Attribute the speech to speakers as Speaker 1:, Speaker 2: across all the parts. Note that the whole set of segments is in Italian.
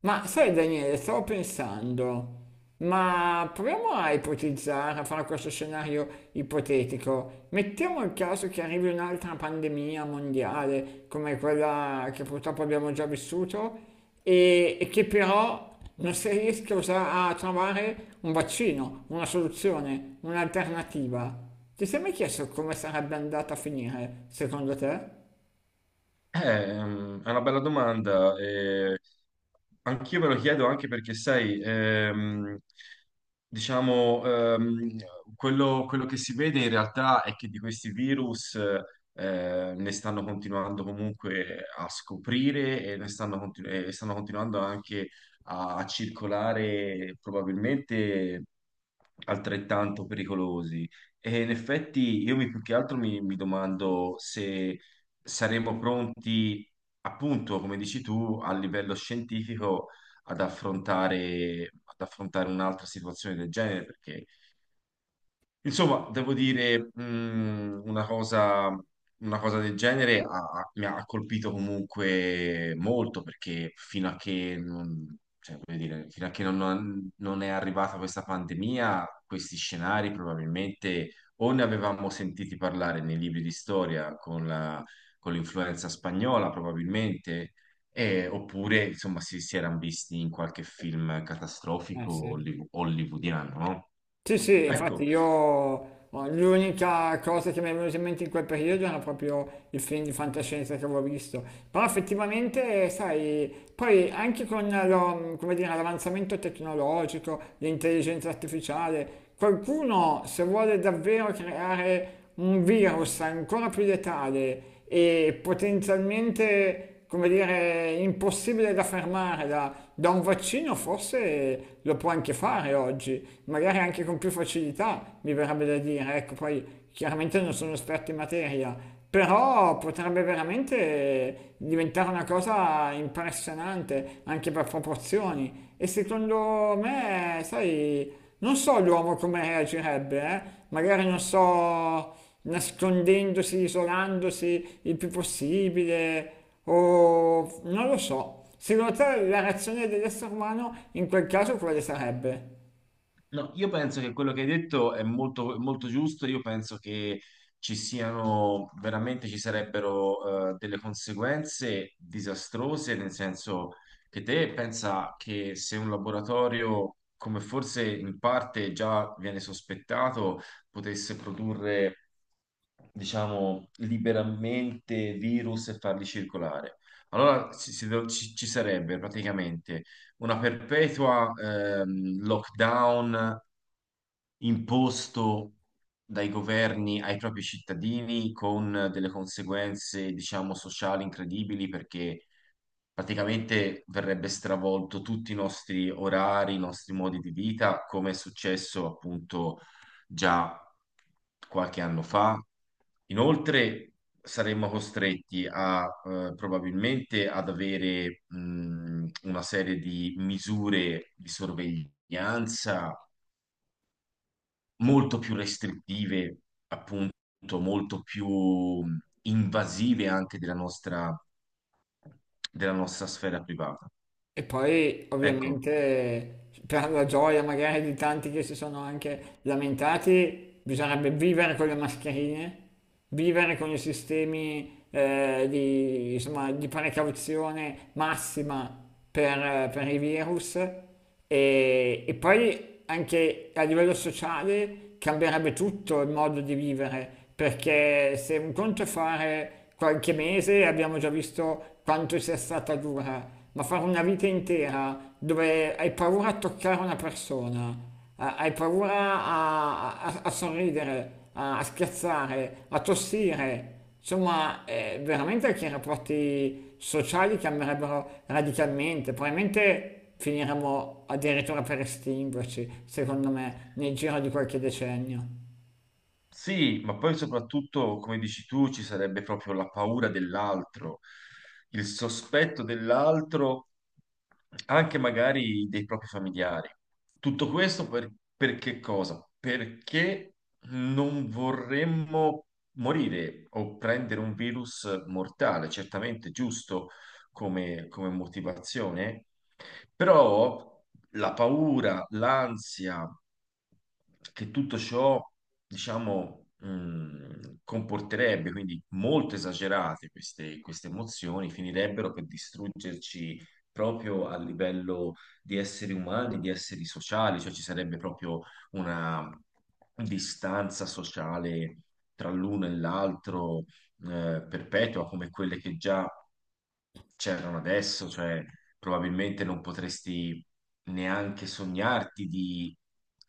Speaker 1: Ma sai Daniele, stavo pensando, ma proviamo a ipotizzare, a fare questo scenario ipotetico. Mettiamo il caso che arrivi un'altra pandemia mondiale come quella che purtroppo abbiamo già vissuto e che però non si riesca a a trovare un vaccino, una soluzione, un'alternativa. Ti sei mai chiesto come sarebbe andata a finire, secondo te?
Speaker 2: È una bella domanda. Anch'io me lo chiedo anche perché, sai, diciamo, ehm, quello che si vede in realtà è che di questi virus ne stanno continuando comunque a scoprire e ne e stanno continuando anche a circolare probabilmente altrettanto pericolosi. E in effetti più che altro mi domando se saremo pronti, appunto, come dici tu, a livello scientifico ad affrontare un'altra situazione del genere, perché insomma, devo dire, una cosa del genere mi ha colpito comunque molto perché fino a che non, cioè, voglio dire, fino a che non, non è arrivata questa pandemia, questi scenari probabilmente o ne avevamo sentiti parlare nei libri di storia con con l'influenza spagnola, probabilmente, oppure insomma si erano visti in qualche film
Speaker 1: Eh
Speaker 2: catastrofico
Speaker 1: sì.
Speaker 2: hollywoodiano, no?
Speaker 1: Sì, sì, infatti
Speaker 2: Ecco.
Speaker 1: io oh, l'unica cosa che mi è venuta in mente in quel periodo era proprio il film di fantascienza che avevo visto. Però effettivamente, sai, poi anche con come dire, l'avanzamento tecnologico, l'intelligenza artificiale, qualcuno se vuole davvero creare un virus ancora più letale e potenzialmente come dire, impossibile da fermare da un vaccino, forse lo può anche fare oggi, magari anche con più facilità, mi verrebbe da dire. Ecco, poi chiaramente non sono esperto in materia, però potrebbe veramente diventare una cosa impressionante anche per proporzioni. E secondo me, sai, non so l'uomo come reagirebbe, eh? Magari non so, nascondendosi, isolandosi il più possibile. O non lo so. Secondo te la reazione dell'essere umano in quel caso quale sarebbe?
Speaker 2: No, io penso che quello che hai detto è molto, molto giusto. Io penso che ci siano veramente ci sarebbero delle conseguenze disastrose, nel senso che te pensa che se un laboratorio, come forse in parte già viene sospettato, potesse produrre, diciamo, liberamente virus e farli circolare. Allora ci, si- ci sarebbe praticamente una perpetua lockdown imposto dai governi ai propri cittadini con delle conseguenze, diciamo, sociali incredibili perché praticamente verrebbe stravolto tutti i nostri orari, i nostri modi di vita, come è successo appunto già qualche anno fa. Inoltre saremmo costretti a probabilmente ad avere una serie di misure di sorveglianza molto più restrittive, appunto, molto più invasive anche della nostra sfera privata.
Speaker 1: E poi,
Speaker 2: Ecco.
Speaker 1: ovviamente, per la gioia magari di tanti che si sono anche lamentati, bisognerebbe vivere con le mascherine, vivere con i sistemi di, insomma, di precauzione massima per i virus e poi anche a livello sociale cambierebbe tutto il modo di vivere, perché se un conto è fare qualche mese, abbiamo già visto quanto sia stata dura, ma fare una vita intera dove hai paura a toccare una persona, hai paura a sorridere, a scherzare, a tossire, insomma, veramente che i rapporti sociali cambierebbero radicalmente, probabilmente finiremmo addirittura per estinguerci, secondo me, nel giro di qualche decennio.
Speaker 2: Sì, ma poi soprattutto, come dici tu, ci sarebbe proprio la paura dell'altro, il sospetto dell'altro, anche magari dei propri familiari. Tutto questo per che cosa? Perché non vorremmo morire o prendere un virus mortale, certamente giusto come motivazione, però la paura, l'ansia che tutto ciò diciamo, comporterebbe, quindi molto esagerate queste emozioni, finirebbero per distruggerci proprio a livello di esseri umani, di esseri sociali, cioè ci sarebbe proprio una distanza sociale tra l'uno e l'altro perpetua, come quelle che già c'erano adesso, cioè probabilmente non potresti neanche sognarti di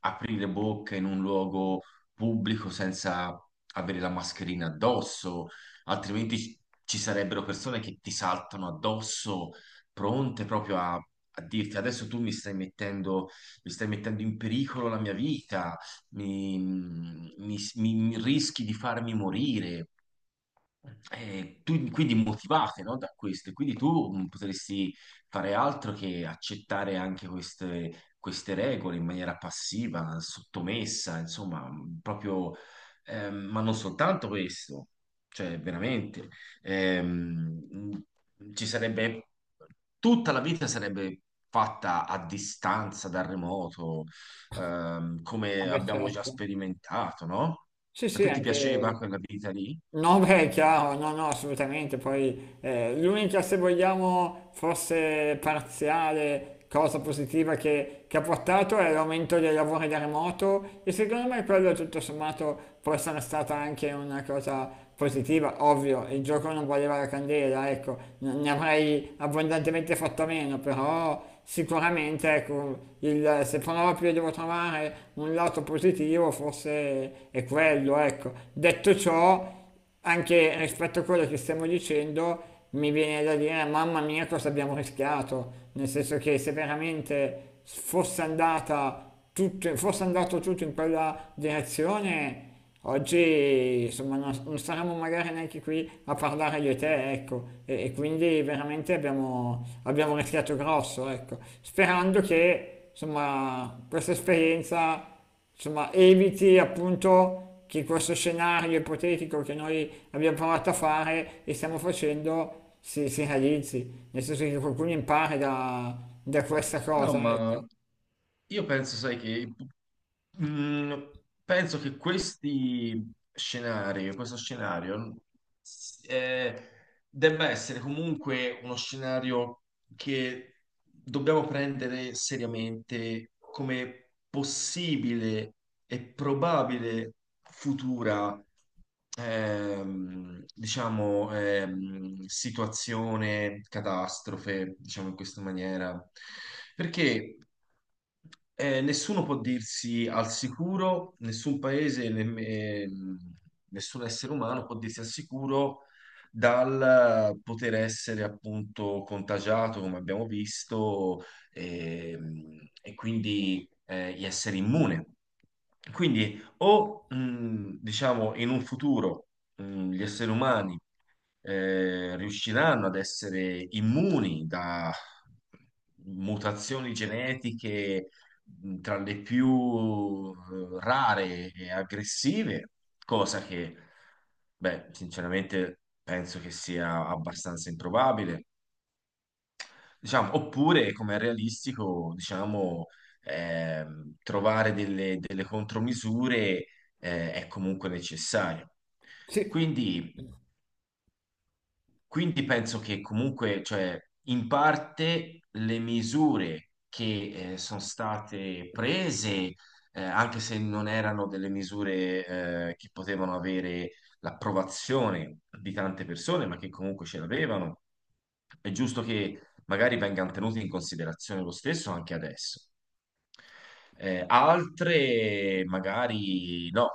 Speaker 2: aprire bocca in un luogo pubblico senza avere la mascherina addosso, altrimenti ci sarebbero persone che ti saltano addosso, pronte proprio a dirti adesso tu mi stai mettendo in pericolo la mia vita, mi rischi di farmi morire. Quindi motivate, no, da questo, e quindi tu potresti fare altro che accettare anche queste regole in maniera passiva, sottomessa, insomma, proprio, ma non soltanto questo, cioè veramente, ehm, mh, ci sarebbe, tutta la vita sarebbe fatta a distanza, da remoto, come
Speaker 1: Vabbè,
Speaker 2: abbiamo già
Speaker 1: certo.
Speaker 2: sperimentato, no?
Speaker 1: Sì,
Speaker 2: A
Speaker 1: sì,
Speaker 2: te ti piaceva
Speaker 1: anche
Speaker 2: quella vita lì?
Speaker 1: no, beh, è chiaro, no, no, assolutamente. Poi l'unica, se vogliamo, forse parziale cosa positiva che ha portato è l'aumento dei lavori da remoto e secondo me quello tutto sommato può essere stata anche una cosa positiva. Ovvio, il gioco non valeva la candela, ecco, ne avrei abbondantemente fatto a meno, però sicuramente ecco, se proprio devo trovare un lato positivo, forse è quello, ecco. Detto ciò, anche rispetto a quello che stiamo dicendo, mi viene da dire, mamma mia, cosa abbiamo rischiato, nel senso che se veramente fosse andata tutto, fosse andato tutto in quella direzione, oggi insomma non saremmo magari neanche qui a parlare io e te, ecco, e quindi veramente abbiamo rischiato grosso, ecco, sperando che insomma questa esperienza insomma, eviti appunto che questo scenario ipotetico che noi abbiamo provato a fare e stiamo facendo si realizzi, nel senso che qualcuno impari da questa
Speaker 2: No,
Speaker 1: cosa,
Speaker 2: ma
Speaker 1: ecco.
Speaker 2: io penso, sai che mm, penso che questi scenari, questo scenario s- eh, debba essere comunque uno scenario che dobbiamo prendere seriamente come possibile e probabile futura diciamo, situazione, catastrofe, diciamo in questa maniera, perché nessuno può dirsi al sicuro, nessun paese, nessun essere umano può dirsi al sicuro dal poter essere appunto contagiato, come abbiamo visto, e, e quindi di essere immune. Quindi o diciamo in un futuro gli esseri umani riusciranno ad essere immuni da mutazioni genetiche tra le più rare e aggressive, cosa che, beh, sinceramente penso che sia abbastanza improbabile. Diciamo, oppure, come è realistico, diciamo, trovare delle contromisure, è comunque necessario.
Speaker 1: Sì.
Speaker 2: Quindi, quindi penso che comunque, cioè, in parte le misure che sono state prese, anche se non erano delle misure che potevano avere l'approvazione di tante persone, ma che comunque ce l'avevano, è giusto che magari vengano tenute in considerazione lo stesso anche adesso. Altre magari no,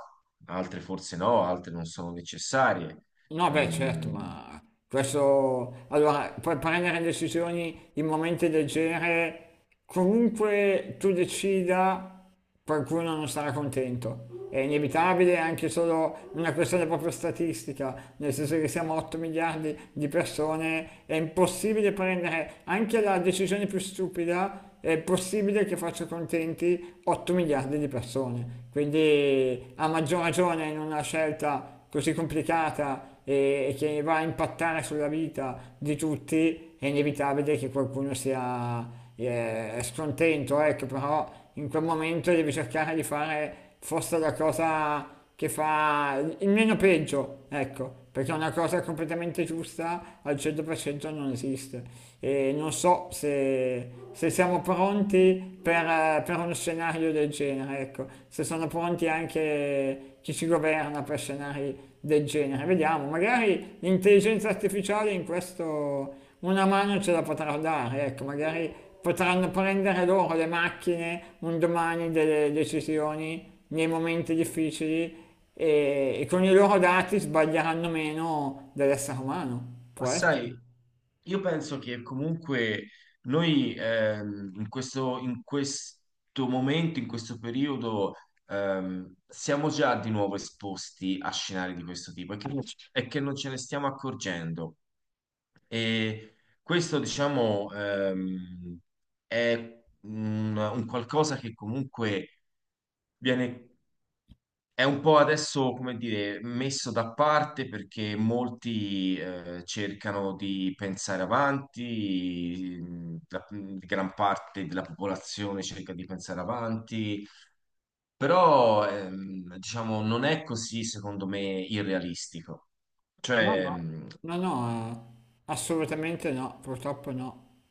Speaker 2: altre forse no, altre non sono necessarie.
Speaker 1: No, beh, certo,
Speaker 2: Mm.
Speaker 1: ma questo... Allora, puoi prendere decisioni in momenti del genere, comunque tu decida, qualcuno non sarà contento. È inevitabile, è anche solo una questione proprio statistica, nel senso che siamo 8 miliardi di persone, è impossibile prendere anche la decisione più stupida, è possibile che faccia contenti 8 miliardi di persone. Quindi, a maggior ragione, in una scelta così complicata e che va a impattare sulla vita di tutti, è inevitabile che qualcuno sia scontento, ecco, però in quel momento devi cercare di fare forse la cosa che fa il meno peggio, ecco, perché una cosa completamente giusta al 100% non esiste. E non so se siamo pronti per uno scenario del genere, ecco, se sono pronti anche chi ci governa per scenari del genere. Vediamo, magari l'intelligenza artificiale in questo una mano ce la potrà dare, ecco, magari potranno prendere loro le macchine un domani delle decisioni nei momenti difficili e con i loro dati sbaglieranno meno dell'essere umano.
Speaker 2: Ma
Speaker 1: Può essere?
Speaker 2: sai, io penso che comunque noi in questo momento, in questo periodo, siamo già di nuovo esposti a scenari di questo tipo e che non ce ne stiamo accorgendo. E questo, diciamo, è un qualcosa che comunque viene è un po' adesso, come dire, messo da parte perché molti cercano di pensare avanti, gran parte della popolazione cerca di pensare avanti, però diciamo non è così, secondo me, irrealistico.
Speaker 1: No,
Speaker 2: Cioè,
Speaker 1: no,
Speaker 2: mhmm,
Speaker 1: no, no, assolutamente no, purtroppo no.